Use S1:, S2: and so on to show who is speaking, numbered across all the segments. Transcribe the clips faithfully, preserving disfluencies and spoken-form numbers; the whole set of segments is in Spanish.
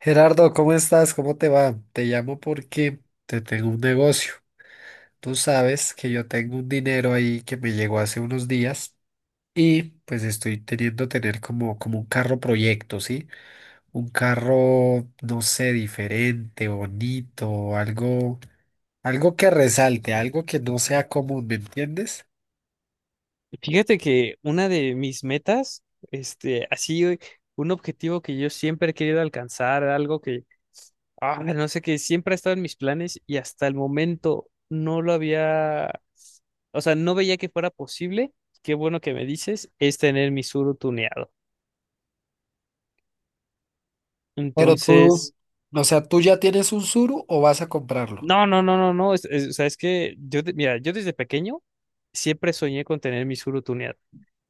S1: Gerardo, ¿cómo estás? ¿Cómo te va? Te llamo porque te tengo un negocio. Tú sabes que yo tengo un dinero ahí que me llegó hace unos días y pues estoy teniendo tener como, como un carro proyecto, ¿sí? Un carro, no sé, diferente, bonito, algo, algo que resalte, algo que no sea común, ¿me entiendes?
S2: Fíjate que una de mis metas, este, así eh, un objetivo que yo siempre he querido alcanzar, algo que, ah, no sé, que siempre ha estado en mis planes y hasta el momento no lo había, o sea, no veía que fuera posible, qué bueno que me dices, es tener mi suru tuneado.
S1: Pero tú,
S2: Entonces,
S1: o sea, ¿tú ya tienes un Suru o vas a comprarlo?
S2: no, no, no, no, no, es, es- o sea, es que yo, de- mira, yo desde pequeño siempre soñé con tener mi suru tuneado.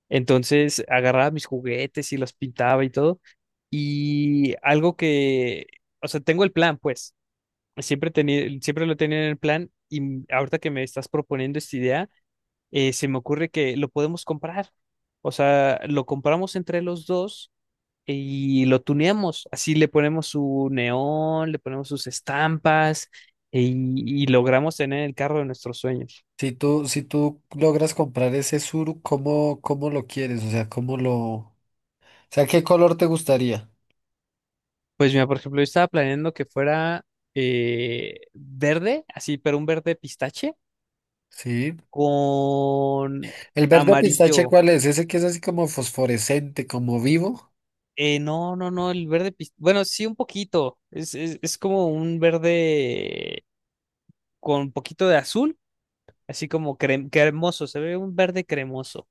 S2: Entonces agarraba mis juguetes y los pintaba y todo. Y algo que, o sea, tengo el plan, pues, siempre tenía, siempre lo tenía en el plan y m- ahorita que me estás proponiendo esta idea, eh, se me ocurre que lo podemos comprar. O sea, lo compramos entre los dos y lo tuneamos. Así le ponemos su neón, le ponemos sus estampas eh, y, y logramos tener el carro de nuestros sueños.
S1: Si tú, si tú logras comprar ese suru, ¿cómo, cómo lo quieres? O sea, ¿cómo lo... O sea, ¿qué color te gustaría?
S2: Pues mira, por ejemplo, yo estaba planeando que fuera eh, verde, así, pero un verde pistache
S1: Sí.
S2: con
S1: ¿El verde pistache
S2: amarillo.
S1: cuál es? Ese que es así como fosforescente, como vivo.
S2: Eh, no, no, no, el verde pistache. Bueno, sí, un poquito. Es, es, es como un verde con un poquito de azul, así como crem- cremoso. Se ve un verde cremoso.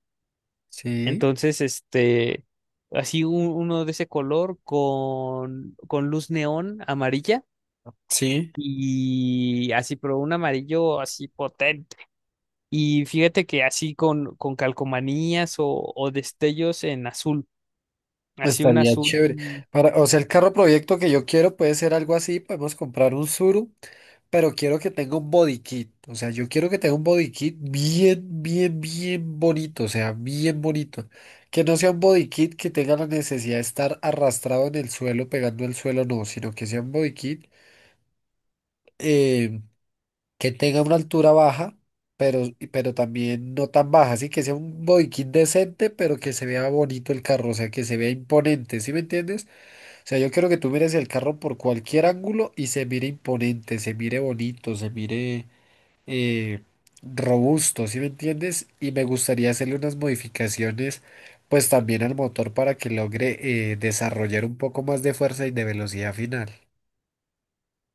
S1: Sí.
S2: Entonces, este, así un- uno de ese color con, con luz neón amarilla.
S1: Sí.
S2: Y así, pero un amarillo así potente. Y fíjate que así con, con calcomanías o, o destellos en azul, así un
S1: Estaría
S2: azul.
S1: chévere. Para, o sea, el carro proyecto que yo quiero puede ser algo así. Podemos comprar un Suru, pero quiero que tenga un body kit. O sea, yo quiero que tenga un body kit bien, bien, bien bonito. O sea, bien bonito. Que no sea un body kit que tenga la necesidad de estar arrastrado en el suelo, pegando el suelo, no, sino que sea un body kit eh, que tenga una altura baja, pero, pero también no tan baja. Así que sea un body kit decente, pero que se vea bonito el carro. O sea, que se vea imponente. ¿Sí me entiendes? O sea, yo quiero que tú mires el carro por cualquier ángulo y se mire imponente, se mire bonito, se mire eh, robusto, ¿sí me entiendes? Y me gustaría hacerle unas modificaciones, pues también al motor para que logre eh, desarrollar un poco más de fuerza y de velocidad final.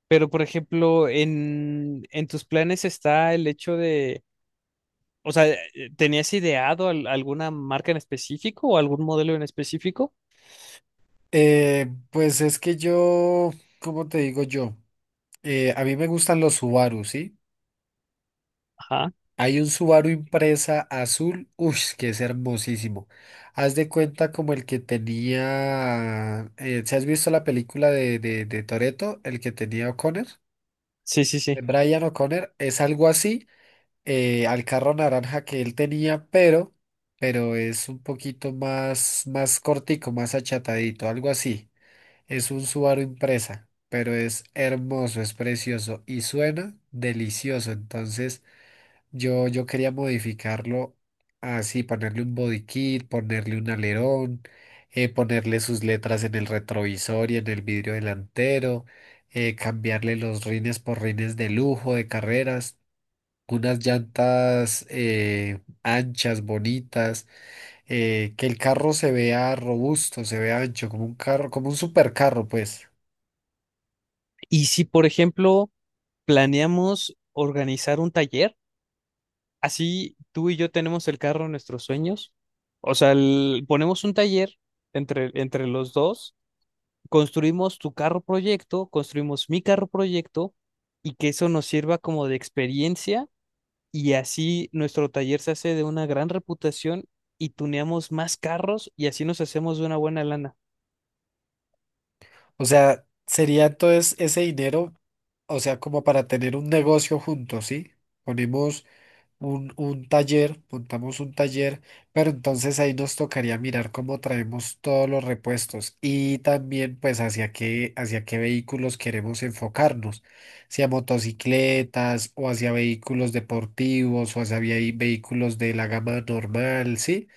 S2: Pero por ejemplo, en, en tus planes está el hecho de, o sea, eh, ¿tenías ideado al- alguna marca en específico o algún modelo en específico?
S1: Eh, pues es que yo, ¿cómo te digo yo? Eh, a mí me gustan los Subaru, ¿sí?
S2: Ajá,
S1: Hay un Subaru Impresa azul, uy, que es hermosísimo. Haz de cuenta como el que tenía, eh, ¿si has visto la película de, de, de Toretto? El que tenía O'Connor,
S2: sí, sí,
S1: de
S2: sí.
S1: Brian O'Connor, es algo así, eh, al carro naranja que él tenía, pero, pero es un poquito más, más cortico, más achatadito, algo así. Es un Subaru Impresa, pero es hermoso, es precioso y suena delicioso, entonces... Yo, yo quería modificarlo así, ponerle un body kit, ponerle un alerón, eh, ponerle sus letras en el retrovisor y en el vidrio delantero, eh, cambiarle los rines por rines de lujo, de carreras, unas llantas eh, anchas, bonitas, eh, que el carro se vea robusto, se vea ancho, como un carro, como un supercarro, pues.
S2: Y si por ejemplo planeamos organizar un taller, así tú y yo tenemos el carro en nuestros sueños, o sea, el- ponemos un taller entre, entre los dos, construimos tu carro proyecto, construimos mi carro proyecto y que eso nos sirva como de experiencia y así nuestro taller se hace de una gran reputación y tuneamos más carros y así nos hacemos de una buena lana.
S1: O sea, sería entonces ese dinero, o sea, como para tener un negocio juntos, ¿sí? Ponemos un, un taller, montamos un taller, pero entonces ahí nos tocaría mirar cómo traemos todos los repuestos y también pues hacia qué, hacia qué vehículos queremos enfocarnos, si a motocicletas o hacia vehículos deportivos o hacia vehi- vehículos de la gama normal, ¿sí?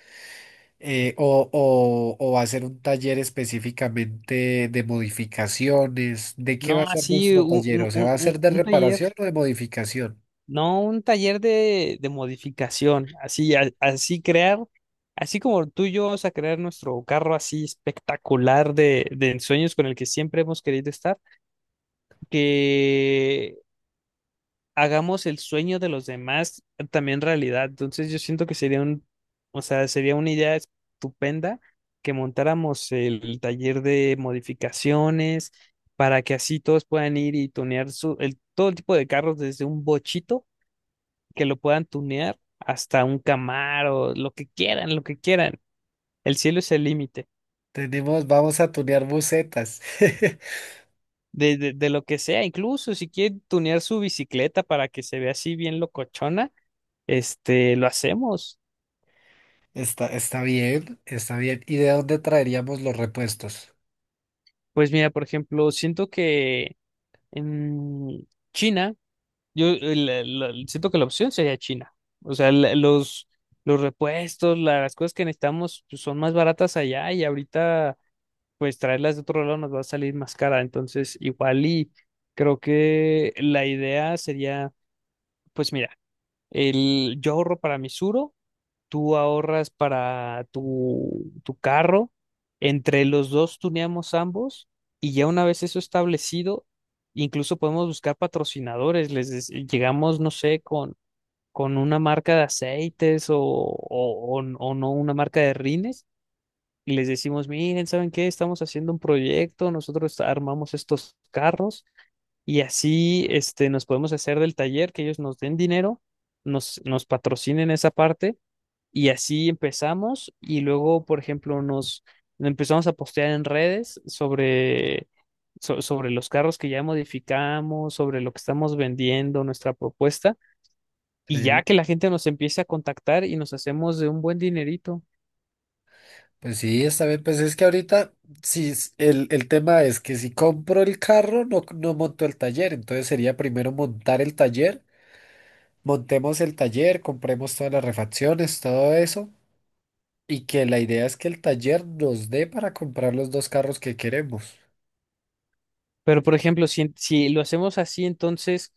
S1: Eh, o, o, o va a ser un taller específicamente de modificaciones. ¿De qué va a
S2: No,
S1: ser
S2: así
S1: nuestro
S2: un,
S1: taller?
S2: un-
S1: O sea,
S2: un-
S1: ¿va a
S2: un-
S1: ser de
S2: un taller,
S1: reparación o de modificación?
S2: no un taller de, de modificación, así, a- así crear, así como tú y yo vamos a crear nuestro carro así espectacular de, de ensueños con el que siempre hemos querido estar, que hagamos el sueño de los demás también realidad. Entonces yo siento que sería un, o sea, sería una idea estupenda que montáramos el taller de modificaciones para que así todos puedan ir y tunear su, el, todo tipo de carros desde un bochito que lo puedan tunear hasta un Camaro, lo que quieran, lo que quieran. El cielo es el límite.
S1: Tenemos, vamos a tunear bucetas.
S2: De, de, de lo que sea, incluso si quieren tunear su bicicleta para que se vea así bien locochona, este, lo hacemos.
S1: Está, está bien, está bien. ¿Y de dónde traeríamos los repuestos?
S2: Pues mira, por ejemplo, siento que en China, yo eh, la- la- siento que la opción sería China. O sea, la- los, los repuestos, la- las cosas que necesitamos pues, son más baratas allá y ahorita pues traerlas de otro lado nos va a salir más cara. Entonces, igual y creo que la idea sería, pues mira, el, yo ahorro para mi Suro, tú ahorras para tu, tu carro, entre los dos tuneamos ambos y ya una vez eso establecido, incluso podemos buscar patrocinadores, les des- llegamos, no sé, con, con una marca de aceites o, o, o n- o no una marca de rines y les decimos, miren, ¿saben qué? Estamos haciendo un proyecto, nosotros armamos estos carros y así este, nos podemos hacer del taller, que ellos nos den dinero, nos, nos patrocinen esa parte y así empezamos y luego, por ejemplo, nos empezamos a postear en redes sobre, so- sobre los carros que ya modificamos, sobre lo que estamos vendiendo, nuestra propuesta, y
S1: Sí.
S2: ya que la gente nos empiece a contactar y nos hacemos de un buen dinerito.
S1: Pues sí, está bien. Pues es que ahorita, sí, es- el, el tema es que si compro el carro, no, no monto el taller. Entonces sería primero montar el taller, montemos el taller, compremos todas las refacciones, todo eso. Y que la idea es que el taller nos dé para comprar los dos carros que queremos.
S2: Pero, por ejemplo, si, si lo hacemos así, entonces,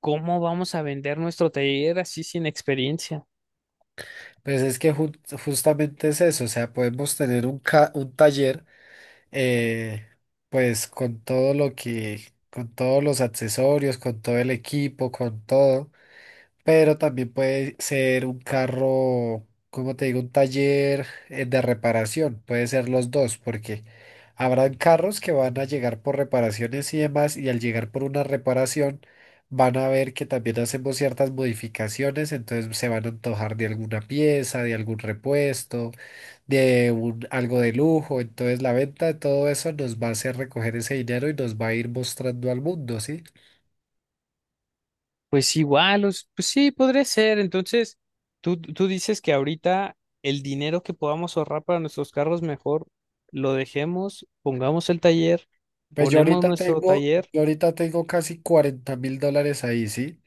S2: ¿cómo vamos a vender nuestro taller así sin experiencia?
S1: Pues es que ju- justamente es eso, o sea, podemos tener un, ca- un taller. eh, pues con todo lo que, con todos los accesorios, con todo el equipo, con todo, pero también puede ser un carro, como te digo, un taller eh, de reparación, puede ser los dos, porque habrán carros que van a llegar por reparaciones y demás, y al llegar por una reparación van a ver que también hacemos ciertas modificaciones, entonces se van a antojar de alguna pieza, de algún repuesto de un- algo de lujo. Entonces la venta de todo eso nos va a hacer recoger ese dinero y nos va a ir mostrando al mundo, ¿sí?
S2: Pues igual, os- pues sí, podría ser. Entonces, tú, tú dices que ahorita el dinero que podamos ahorrar para nuestros carros, mejor lo dejemos, pongamos el taller,
S1: Pues yo
S2: ponemos
S1: ahorita
S2: nuestro
S1: tengo,
S2: taller.
S1: yo ahorita tengo casi cuarenta mil dólares ahí, ¿sí?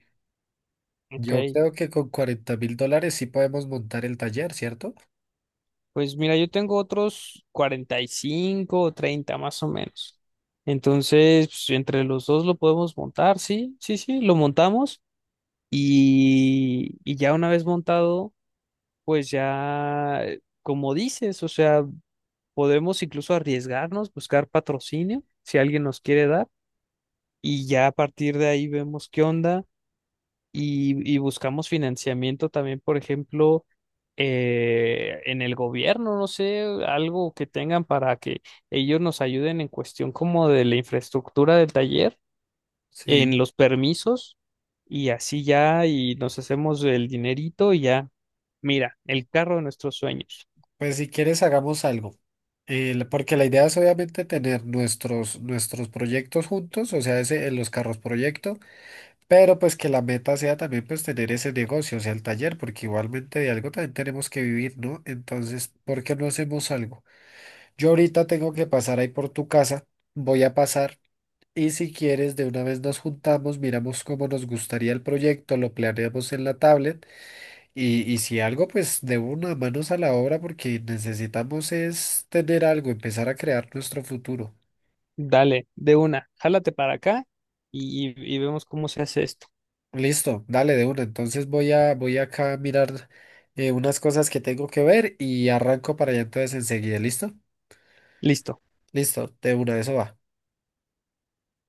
S1: Yo
S2: Ok,
S1: creo que con cuarenta mil dólares sí podemos montar el taller, ¿cierto?
S2: pues mira, yo tengo otros cuarenta y cinco o treinta más o menos. Entonces, pues, entre los dos lo podemos montar, sí, sí, sí, lo montamos y, y ya una vez montado, pues ya, eh, como dices, o sea, podemos incluso arriesgarnos, buscar patrocinio, si alguien nos quiere dar, y ya a partir de ahí vemos qué onda y, y buscamos financiamiento también, por ejemplo, eh, en el gobierno, no sé, algo que tengan para que ellos nos ayuden en cuestión como de la infraestructura del taller,
S1: Sí.
S2: en los permisos, y así ya, y nos hacemos el dinerito y ya, mira, el carro de nuestros sueños.
S1: Pues si quieres hagamos algo. Eh, la- porque la idea es obviamente tener nuestros, nuestros proyectos juntos, o sea, ese, en los carros proyecto. Pero pues que la meta sea también pues tener ese negocio, o sea, el taller, porque igualmente de algo también tenemos que vivir, ¿no? Entonces, ¿por qué no hacemos algo? Yo ahorita tengo que pasar ahí por tu casa, voy a pasar y si quieres de una vez nos juntamos, miramos cómo nos gustaría el proyecto, lo planeamos en la tablet y, y si algo pues de una manos a la obra porque necesitamos es tener algo, empezar a crear nuestro futuro.
S2: Dale, de una, jálate para acá y, y y vemos cómo se hace esto.
S1: Listo, dale de una. Entonces voy a voy acá a mirar eh, unas cosas que tengo que ver y arranco para allá entonces enseguida. ¿Listo?
S2: Listo.
S1: Listo, de una, eso va.